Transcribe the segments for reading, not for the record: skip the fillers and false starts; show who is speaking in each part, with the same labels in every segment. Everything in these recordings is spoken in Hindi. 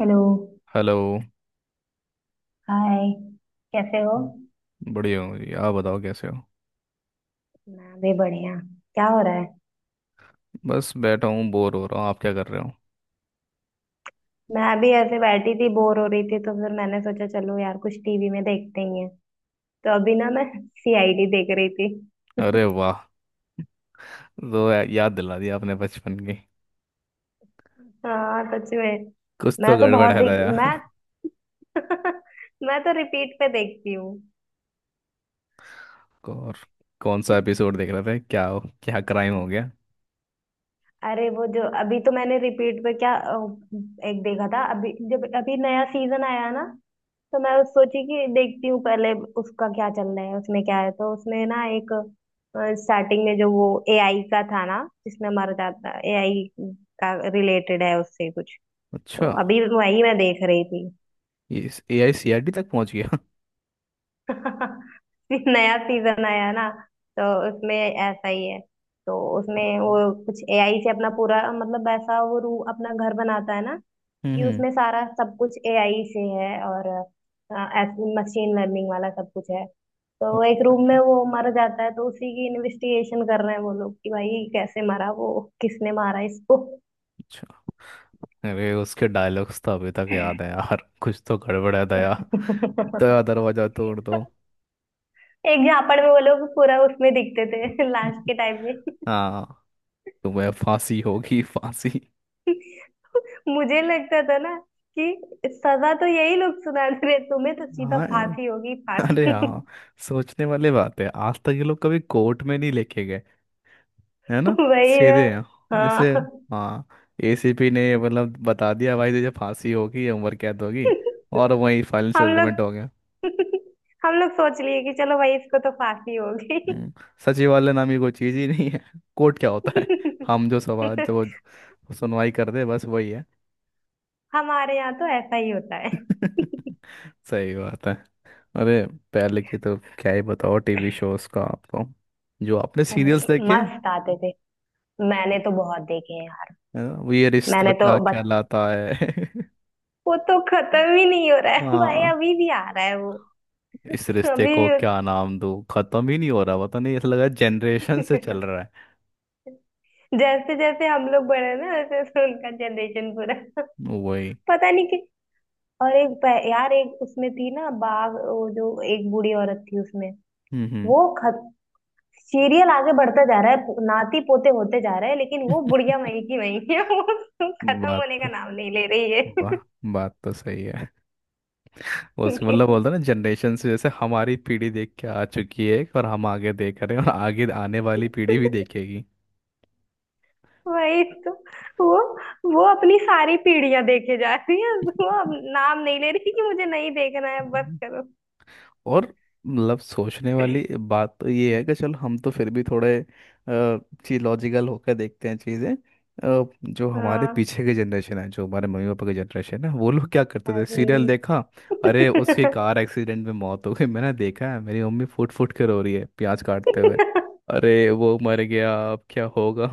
Speaker 1: हेलो।
Speaker 2: हेलो।
Speaker 1: हाय। कैसे हो?
Speaker 2: बढ़िया हूँ जी। आप बताओ कैसे हो।
Speaker 1: मैं भी बढ़िया। क्या हो रहा है?
Speaker 2: बस बैठा हूँ, बोर हो रहा हूँ। आप क्या कर रहे हो।
Speaker 1: मैं भी ऐसे बैठी थी बोर हो रही थी तो फिर मैंने सोचा चलो यार कुछ टीवी में देखते ही हैं। तो अभी ना मैं सीआईडी देख रही थी।
Speaker 2: अरे वाह। तो याद दिला दिया आपने बचपन की।
Speaker 1: हाँ सच में।
Speaker 2: कुछ तो
Speaker 1: मैं तो
Speaker 2: गड़बड़
Speaker 1: बहुत
Speaker 2: है
Speaker 1: देख
Speaker 2: दया।
Speaker 1: मैं मैं तो रिपीट पे देखती हूँ।
Speaker 2: और कौन सा एपिसोड देख रहे थे? क्या हो? क्या क्राइम हो गया?
Speaker 1: अरे वो जो अभी तो मैंने रिपीट पे क्या एक देखा था अभी जब अभी नया सीजन आया ना। तो मैं उस सोची कि देखती हूँ पहले उसका क्या चल रहा है उसमें क्या है। तो उसमें ना एक स्टार्टिंग में जो वो एआई का था ना जिसमें मर जाता एआई का रिलेटेड है उससे कुछ।
Speaker 2: अच्छा।
Speaker 1: तो अभी वही मैं देख रही थी।
Speaker 2: ये इस एआईसीआरडी तक पहुंच गया।
Speaker 1: फिर नया सीजन आया ना तो उसमें ऐसा ही है। तो उसमें वो कुछ एआई से अपना पूरा मतलब ऐसा वो रू अपना घर बनाता है ना।
Speaker 2: हम्म,
Speaker 1: कि
Speaker 2: हम्म।
Speaker 1: उसमें सारा सब कुछ एआई से है और मशीन लर्निंग वाला सब कुछ है। तो एक रूम में
Speaker 2: अच्छा।
Speaker 1: वो मर जाता है तो उसी की इन्वेस्टिगेशन कर रहे हैं वो लोग कि भाई कैसे मरा वो किसने मारा इसको।
Speaker 2: अच्छा। अरे, उसके डायलॉग्स तो अभी तक याद है यार। कुछ तो गड़बड़ है दया। दया दरवाजा तोड़ दो।
Speaker 1: एक झापड़ में वो लोग पूरा उसमें दिखते थे लास्ट के टाइम में।
Speaker 2: हाँ। तुम्हें फांसी होगी फांसी।
Speaker 1: मुझे लगता था ना कि सजा तो यही लोग सुना रहे हैं, तुम्हें तो सीधा
Speaker 2: हाँ।
Speaker 1: फांसी होगी
Speaker 2: अरे
Speaker 1: फांसी।
Speaker 2: हाँ। सोचने वाली बात है, आज तक ये लोग कभी कोर्ट में नहीं लेके गए। है ना।
Speaker 1: वही ना।
Speaker 2: सीधे हैं। जैसे
Speaker 1: हाँ।
Speaker 2: हाँ, एसीपी ने मतलब बता दिया भाई तुझे फांसी होगी या उम्र कैद होगी। और वही फाइनल
Speaker 1: हम
Speaker 2: सेटलमेंट हो गया।
Speaker 1: लोग हम लोग सोच लिए कि चलो भाई इसको तो फांसी होगी।
Speaker 2: हम्म। सचिवालय नामी कोई चीज ही नहीं है। कोर्ट क्या होता है? हम जो सवाल जो सुनवाई कर दे बस वही है।
Speaker 1: हमारे यहाँ तो ऐसा ही होता है।
Speaker 2: सही बात है। अरे, पहले की तो क्या ही बताओ टीवी शोज का आपको। जो आपने सीरियल्स
Speaker 1: अरे
Speaker 2: देखे।
Speaker 1: मस्त आते थे। मैंने तो बहुत देखे हैं यार।
Speaker 2: है ना? वो ये रिश्ता
Speaker 1: मैंने तो
Speaker 2: क्या
Speaker 1: बच
Speaker 2: कहलाता है।
Speaker 1: वो तो खत्म ही नहीं हो रहा है। भाई
Speaker 2: हाँ।
Speaker 1: अभी भी आ रहा है वो।
Speaker 2: इस रिश्ते
Speaker 1: अभी
Speaker 2: को
Speaker 1: भी
Speaker 2: क्या नाम दूँ। खत्म ही नहीं हो रहा, पता नहीं। ऐसा लग रहा है जनरेशन से चल
Speaker 1: उस-
Speaker 2: रहा
Speaker 1: जैसे जैसे हम लोग बढ़े ना वैसे वैसे उनका जनरेशन पूरा।
Speaker 2: है वही।
Speaker 1: पता नहीं कि। और यार एक उसमें थी ना बाघ वो जो एक बूढ़ी औरत थी उसमें।
Speaker 2: हम्म,
Speaker 1: वो खत सीरियल आगे बढ़ता जा रहा है नाती पोते होते जा रहे हैं लेकिन वो बुढ़िया
Speaker 2: हम्म।
Speaker 1: वहीं की वहीं है। वो खत्म
Speaker 2: बात
Speaker 1: होने का
Speaker 2: तो
Speaker 1: नाम नहीं ले रही है।
Speaker 2: वाह, बात तो सही है। उसके मतलब बोलते हैं ना, जनरेशन से जैसे हमारी पीढ़ी देख के आ चुकी है, और हम आगे देख रहे हैं, और आगे आने वाली पीढ़ी भी देखेगी।
Speaker 1: वही तो। वो वो अपनी सारी पीढ़ियां देखे जा रही है वो अब नाम नहीं ले रही कि मुझे नहीं देखना है बस करो।
Speaker 2: और मतलब सोचने वाली बात तो ये है कि चलो हम तो फिर भी थोड़े चीज लॉजिकल होकर देखते हैं चीज़ें। जो हमारे
Speaker 1: हाँ।
Speaker 2: पीछे की जनरेशन है, जो हमारे मम्मी पापा की जनरेशन है, वो लोग क्या करते थे?
Speaker 1: अरे
Speaker 2: सीरियल देखा। अरे उसकी कार एक्सीडेंट में मौत हो गई। मैंने देखा है मेरी मम्मी फुट फुट कर रो रही है प्याज काटते हुए। अरे वो मर गया, अब क्या होगा।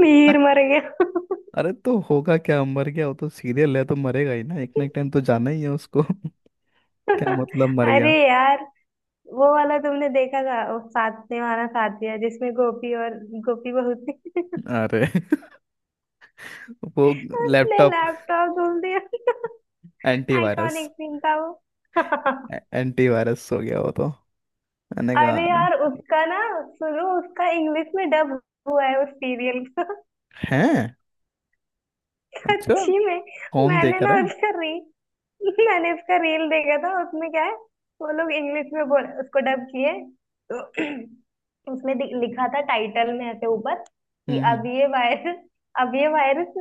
Speaker 1: मीर मर गया।
Speaker 2: अरे तो होगा क्या मर गया। वो तो सीरियल है, तो मरेगा ही ना। एक ना एक टाइम तो जाना ही है उसको। क्या मतलब मर
Speaker 1: अरे
Speaker 2: गया।
Speaker 1: यार वो वाला तुमने देखा था वो साथ निभाना साथिया जिसमें गोपी और गोपी बहू थी।
Speaker 2: अरे। वो
Speaker 1: उसने
Speaker 2: लैपटॉप।
Speaker 1: लैपटॉप धुल दिया।
Speaker 2: एंटीवायरस।
Speaker 1: आइकॉनिक सीन था वो।
Speaker 2: एंटीवायरस हो गया वो तो। मैंने कहा
Speaker 1: अरे यार उसका ना सुनो उसका इंग्लिश में डब हुआ है उस सीरियल का।
Speaker 2: हैं। अच्छा।
Speaker 1: सच्ची में।
Speaker 2: कौन
Speaker 1: मैंने
Speaker 2: देख
Speaker 1: ना
Speaker 2: रहा है?
Speaker 1: उसका रील मैंने उसका रील देखा था उसमें क्या है। वो लोग इंग्लिश में बोल उसको डब किए तो उसमें लिखा था टाइटल में ऐसे ऊपर कि
Speaker 2: हम्म,
Speaker 1: अब ये वायरस। अब ये वायरस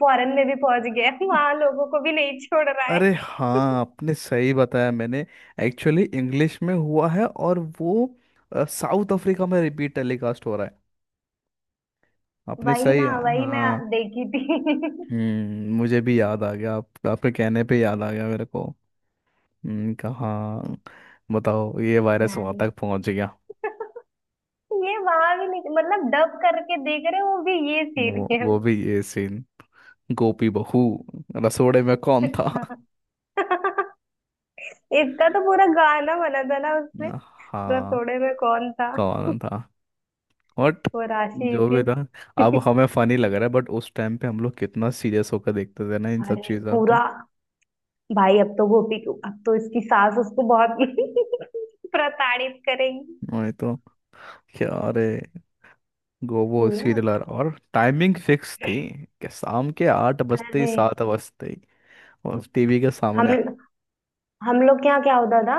Speaker 1: फॉरेन में भी पहुंच गया है, वहां लोगों को भी नहीं छोड़ रहा है।
Speaker 2: अरे हाँ, आपने सही बताया। मैंने एक्चुअली इंग्लिश में हुआ है, और वो साउथ अफ्रीका में रिपीट टेलीकास्ट हो रहा है। आपने
Speaker 1: वही
Speaker 2: सही।
Speaker 1: ना वही मैं
Speaker 2: हाँ।
Speaker 1: देखी थी।
Speaker 2: हम्म, मुझे भी याद आ गया। आप आपके कहने पे याद आ गया मेरे को। हम्म। कहाँ। बताओ ये वायरस वहां
Speaker 1: मैंने
Speaker 2: तक पहुंच गया।
Speaker 1: ये वहां भी नहीं मतलब डब करके देख रहे हो वो भी ये
Speaker 2: वो
Speaker 1: सीरियल।
Speaker 2: वो भी ये सीन। गोपी बहू। रसोड़े में कौन था?
Speaker 1: इसका तो पूरा गाना बना था ना उसमें।
Speaker 2: हाँ।
Speaker 1: रसोड़े में कौन था
Speaker 2: कौन था। बट
Speaker 1: वो राशि ही
Speaker 2: जो भी था। अब
Speaker 1: थी।
Speaker 2: हमें फनी लग रहा है, बट उस टाइम पे हम लोग कितना सीरियस होकर देखते थे ना इन सब
Speaker 1: अरे
Speaker 2: चीजों को।
Speaker 1: पूरा भाई अब तो गोपी को अब तो इसकी सास उसको बहुत प्रताड़ित करेंगी।
Speaker 2: वही तो। क्या अरे। गो वो
Speaker 1: पूरा।
Speaker 2: सीरियल और टाइमिंग फिक्स थी। कि शाम के 8 बजते ही
Speaker 1: अरे
Speaker 2: 7 बजते ही। और टीवी के सामने।
Speaker 1: हम हम लोग के यहाँ क्या होता था।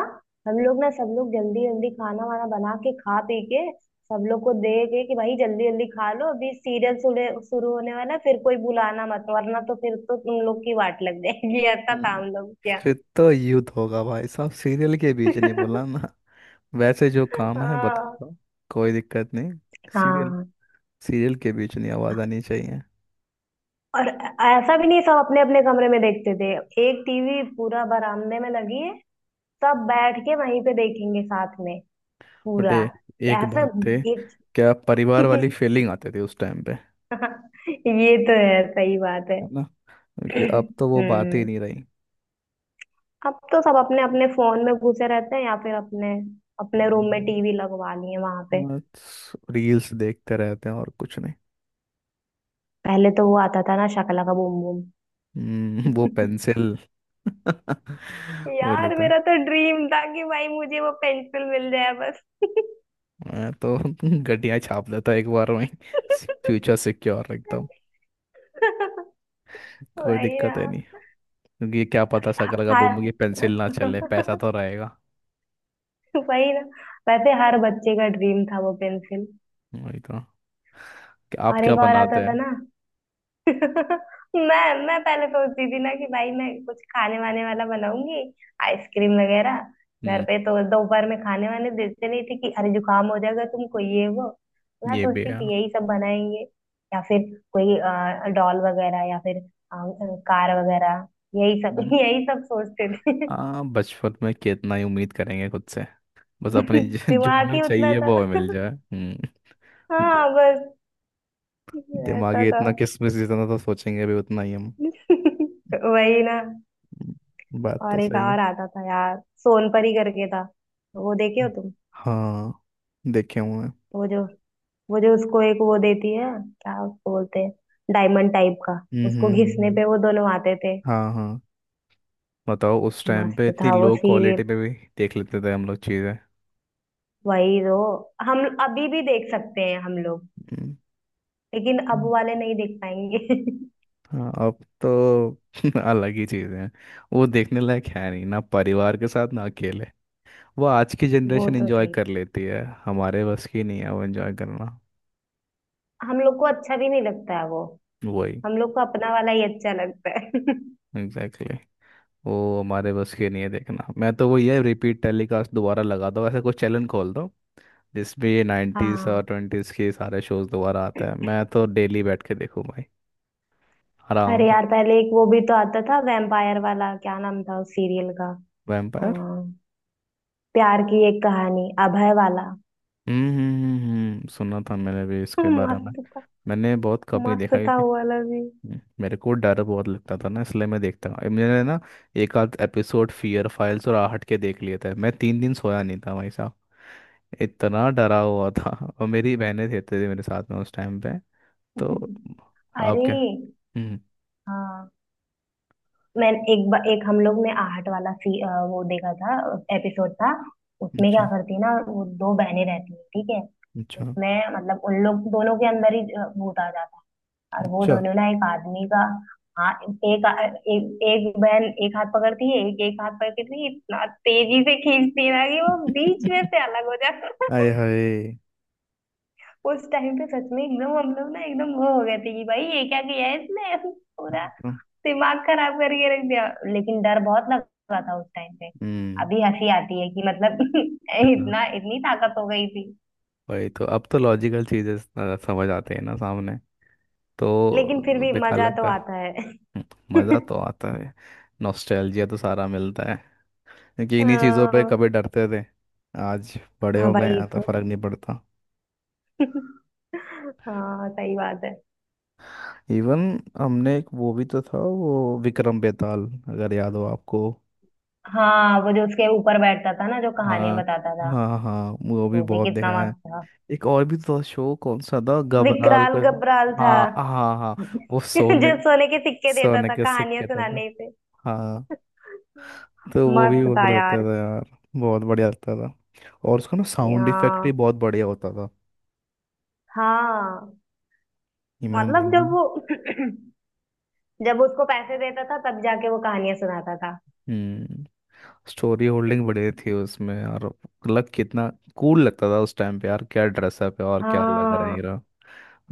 Speaker 1: हम लोग ना सब लोग जल्दी जल्दी खाना वाना बना के खा पी के सब लोग को दे के कि भाई जल्दी जल्दी खा लो अभी सीरियल शुरू होने वाला है, फिर कोई बुलाना मत वरना तो फिर तो तुम लोग की वाट लग जाएगी। ऐसा था
Speaker 2: हम्म,
Speaker 1: हम लोग क्या।
Speaker 2: फिर तो युद्ध होगा भाई साहब। सीरियल के बीच नहीं बोला ना। वैसे जो काम है बता
Speaker 1: हाँ।
Speaker 2: दो। कोई दिक्कत नहीं। सीरियल।
Speaker 1: हाँ
Speaker 2: सीरियल के बीच नहीं आवाज आनी चाहिए।
Speaker 1: और ऐसा भी नहीं सब अपने अपने कमरे में देखते थे। एक टीवी पूरा बरामदे में लगी है सब बैठ के वहीं पे देखेंगे साथ में
Speaker 2: बट
Speaker 1: पूरा।
Speaker 2: ये एक
Speaker 1: ऐसा
Speaker 2: बात थे।
Speaker 1: एक।
Speaker 2: क्या परिवार वाली फीलिंग आती थी उस टाइम पे।
Speaker 1: ये तो है सही बात है।
Speaker 2: है ना। क्योंकि अब तो वो बात ही
Speaker 1: हम्म।
Speaker 2: नहीं रही।
Speaker 1: अब तो सब अपने अपने फोन में घुसे रहते हैं या फिर अपने अपने रूम में
Speaker 2: हम्म,
Speaker 1: टीवी लगवा ली है वहां पे।
Speaker 2: बस रील्स देखते रहते हैं और कुछ नहीं।
Speaker 1: पहले तो वो आता था ना शकला का बूम बूम।
Speaker 2: वो पेंसिल। वही
Speaker 1: यार
Speaker 2: लगता
Speaker 1: मेरा
Speaker 2: है।
Speaker 1: तो ड्रीम था कि भाई मुझे वो पेंसिल मिल जाए बस।
Speaker 2: मैं तो गड्डियां छाप लेता एक बार में। फ्यूचर सिक्योर रखता हूँ। कोई
Speaker 1: वही
Speaker 2: दिक्कत
Speaker 1: ना।
Speaker 2: है नहीं। क्योंकि क्या पता शकल का बम
Speaker 1: हर।
Speaker 2: की पेंसिल ना चले, पैसा तो रहेगा।
Speaker 1: वही ना वैसे हर बच्चे का ड्रीम था वो पेंसिल।
Speaker 2: वही तो। आप
Speaker 1: और
Speaker 2: क्या
Speaker 1: एक और
Speaker 2: बनाते
Speaker 1: आता था
Speaker 2: हैं?
Speaker 1: ना। मैं पहले सोचती थी ना कि भाई मैं कुछ खाने वाने वाला बनाऊंगी आइसक्रीम वगैरह। घर
Speaker 2: हम्म।
Speaker 1: पे तो दोपहर में खाने वाने देते नहीं थे कि अरे जुकाम हो जाएगा तुमको ये वो। मैं
Speaker 2: ये भी
Speaker 1: सोचती
Speaker 2: है।
Speaker 1: थी यही सब बनाएंगे या फिर कोई डॉल वगैरह या फिर कार वगैरह। यही सब
Speaker 2: हम्म।
Speaker 1: यही सब सोचते थे।
Speaker 2: हाँ, बचपन में कितना ही उम्मीद करेंगे खुद से। बस अपने जो
Speaker 1: दिमाग
Speaker 2: हमें
Speaker 1: ही उतना
Speaker 2: चाहिए
Speaker 1: था।
Speaker 2: वो हमें मिल जाए। हम्म। दि-
Speaker 1: हाँ बस ऐसा
Speaker 2: दिमागी
Speaker 1: था।
Speaker 2: इतना किसमिस जितना तो सोचेंगे भी उतना ही हम।
Speaker 1: वही ना
Speaker 2: बात तो
Speaker 1: और एक
Speaker 2: सही है।
Speaker 1: और आता था यार सोनपरी करके था। वो देखे हो
Speaker 2: हम्म।
Speaker 1: तुम।
Speaker 2: हाँ। देखे हुए हैं।
Speaker 1: वो जो वो जो उसको एक वो देती है क्या उसको बोलते हैं डायमंड टाइप का
Speaker 2: हम्म,
Speaker 1: उसको घिसने पे वो दोनों आते थे।
Speaker 2: हाँ, हाँ। बताओ, उस टाइम पे
Speaker 1: मस्त
Speaker 2: इतनी
Speaker 1: था वो
Speaker 2: लो
Speaker 1: सीरियल।
Speaker 2: क्वालिटी में भी देख लेते थे हम लोग चीज़ें।
Speaker 1: वही तो हम अभी भी देख सकते हैं हम लोग
Speaker 2: हम्म।
Speaker 1: लेकिन अब
Speaker 2: हम्म।
Speaker 1: वाले नहीं देख पाएंगे।
Speaker 2: हाँ, अब तो अलग ही चीज़ें हैं। वो देखने लायक है नहीं ना, परिवार के साथ ना अकेले। वो आज की
Speaker 1: वो
Speaker 2: जनरेशन
Speaker 1: तो
Speaker 2: एंजॉय
Speaker 1: सही
Speaker 2: कर लेती है, हमारे बस की नहीं है वो एंजॉय करना।
Speaker 1: हम लोग को अच्छा भी नहीं लगता है वो।
Speaker 2: वही।
Speaker 1: हम लोग को अपना वाला ही अच्छा लगता है।
Speaker 2: Exactly exactly। वो हमारे बस की नहीं है देखना। मैं तो वो ये रिपीट टेलीकास्ट दोबारा लगा दो, ऐसा कुछ चैनल खोल दो जिसमें ये 90s और
Speaker 1: हाँ।
Speaker 2: 20s के सारे शोज दोबारा आते हैं। मैं तो डेली बैठ के देखूँ भाई, आराम
Speaker 1: अरे
Speaker 2: से।
Speaker 1: यार पहले एक वो भी तो आता था वैम्पायर वाला क्या नाम था उस सीरियल का
Speaker 2: वैम्पायर।
Speaker 1: प्यार की एक कहानी अभय वाला।
Speaker 2: हम्म, सुना था मैंने भी इसके बारे में।
Speaker 1: मस्त था
Speaker 2: मैंने बहुत कम ही
Speaker 1: मस्त
Speaker 2: देखा
Speaker 1: था
Speaker 2: क्योंकि
Speaker 1: वो वाला भी।
Speaker 2: मेरे को डर बहुत लगता था ना, इसलिए मैं देखता हूँ मैंने ना एक आध एपिसोड फियर फाइल्स और आहट के देख लिए थे। मैं 3 दिन सोया नहीं था भाई साहब। इतना डरा हुआ था। और मेरी बहनें रहते थे मेरे साथ में उस टाइम पे। तो आप
Speaker 1: अरे
Speaker 2: क्या। हम्म।
Speaker 1: हाँ। एक हम लोग ने आहट वाला वो देखा था। एपिसोड था। उसमें क्या
Speaker 2: अच्छा,
Speaker 1: करती है ना वो दो बहनें रहती हैं ठीक है।
Speaker 2: अच्छा,
Speaker 1: उसमें मतलब उन लोग दोनों के अंदर ही भूत आ जाता है और वो
Speaker 2: अच्छा।
Speaker 1: दोनों ना एक आदमी का। हाँ। एक आ- एक एक बहन एक हाथ पकड़ती है एक एक हाथ पकड़ती है इतना तेजी से खींचती है ना कि वो बीच में से अलग हो।
Speaker 2: आए हाय।
Speaker 1: उस टाइम पे सच में एकदम हम लोग ना एकदम वो हो गए थे कि भाई ये क्या किया है इसने पूरा दिमाग खराब करके रख दिया। लेकिन डर बहुत लगा था उस टाइम पे।
Speaker 2: हम्म।
Speaker 1: अभी हंसी आती है कि मतलब
Speaker 2: कितना।
Speaker 1: इतना इतनी ताकत हो गई थी।
Speaker 2: वही तो। अब तो लॉजिकल चीजें समझ आते हैं ना सामने,
Speaker 1: लेकिन फिर
Speaker 2: तो
Speaker 1: भी
Speaker 2: बेकार
Speaker 1: मजा तो
Speaker 2: लगता
Speaker 1: आता है।
Speaker 2: है। मज़ा तो आता है। नॉस्टैल्जिया तो सारा मिलता है। क्योंकि इन्हीं चीज़ों पे
Speaker 1: हाँ
Speaker 2: कभी डरते थे आज। बड़े
Speaker 1: हाँ
Speaker 2: हो गए
Speaker 1: भाई ये
Speaker 2: हैं तो
Speaker 1: तो।
Speaker 2: फर्क नहीं पड़ता।
Speaker 1: हाँ सही बात है।
Speaker 2: इवन हमने एक वो भी तो था, वो विक्रम बेताल, अगर याद हो आपको।
Speaker 1: हाँ वो जो उसके ऊपर बैठता था ना जो कहानियां
Speaker 2: हाँ,
Speaker 1: बताता था
Speaker 2: हाँ, हाँ। वो भी
Speaker 1: वो भी
Speaker 2: बहुत
Speaker 1: कितना
Speaker 2: देखा है।
Speaker 1: मस्त था।
Speaker 2: एक और भी तो शो कौन सा था घबराल
Speaker 1: विकराल
Speaker 2: को।
Speaker 1: गब्राल था।
Speaker 2: हाँ, हाँ, हाँ। वो सोने
Speaker 1: जो सोने के सिक्के देता
Speaker 2: सोने
Speaker 1: था
Speaker 2: के
Speaker 1: कहानियां
Speaker 2: सिक्के था।
Speaker 1: सुनाने पे।
Speaker 2: हाँ। तो वो भी
Speaker 1: मस्त
Speaker 2: बहुत
Speaker 1: था
Speaker 2: बड़ा लगता
Speaker 1: यार।
Speaker 2: था यार। बहुत बढ़िया लगता था। और उसका ना साउंड इफेक्ट भी
Speaker 1: यहाँ
Speaker 2: बहुत बढ़िया होता था।
Speaker 1: हाँ
Speaker 2: ये मैंने
Speaker 1: मतलब
Speaker 2: देखा
Speaker 1: जब वो जब उसको पैसे देता था तब जाके वो कहानियां सुनाता था।
Speaker 2: ना, स्टोरी होल्डिंग बढ़िया थी उसमें और लग कितना कूल लगता था उस टाइम पे यार। क्या ड्रेसअप है और क्या लग रहा है
Speaker 1: हाँ
Speaker 2: हीरो।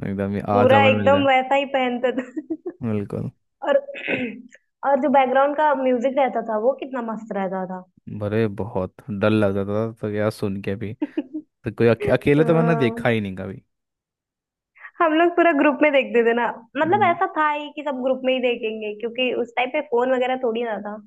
Speaker 2: एकदम ही आज
Speaker 1: पूरा
Speaker 2: हमें मिल
Speaker 1: एकदम
Speaker 2: जाए।
Speaker 1: वैसा ही पहनता था।
Speaker 2: बिल्कुल।
Speaker 1: और और जो बैकग्राउंड का म्यूजिक रहता था वो कितना मस्त रहता था।
Speaker 2: भरे बहुत डर लगता था तो यार सुन के भी, तो कोई अकेले तो मैंने देखा
Speaker 1: हाँ,
Speaker 2: ही नहीं कभी
Speaker 1: हम लोग पूरा ग्रुप में देखते थे ना। मतलब ऐसा था ही कि सब ग्रुप में ही देखेंगे क्योंकि उस टाइम पे फोन वगैरह थोड़ी ना था।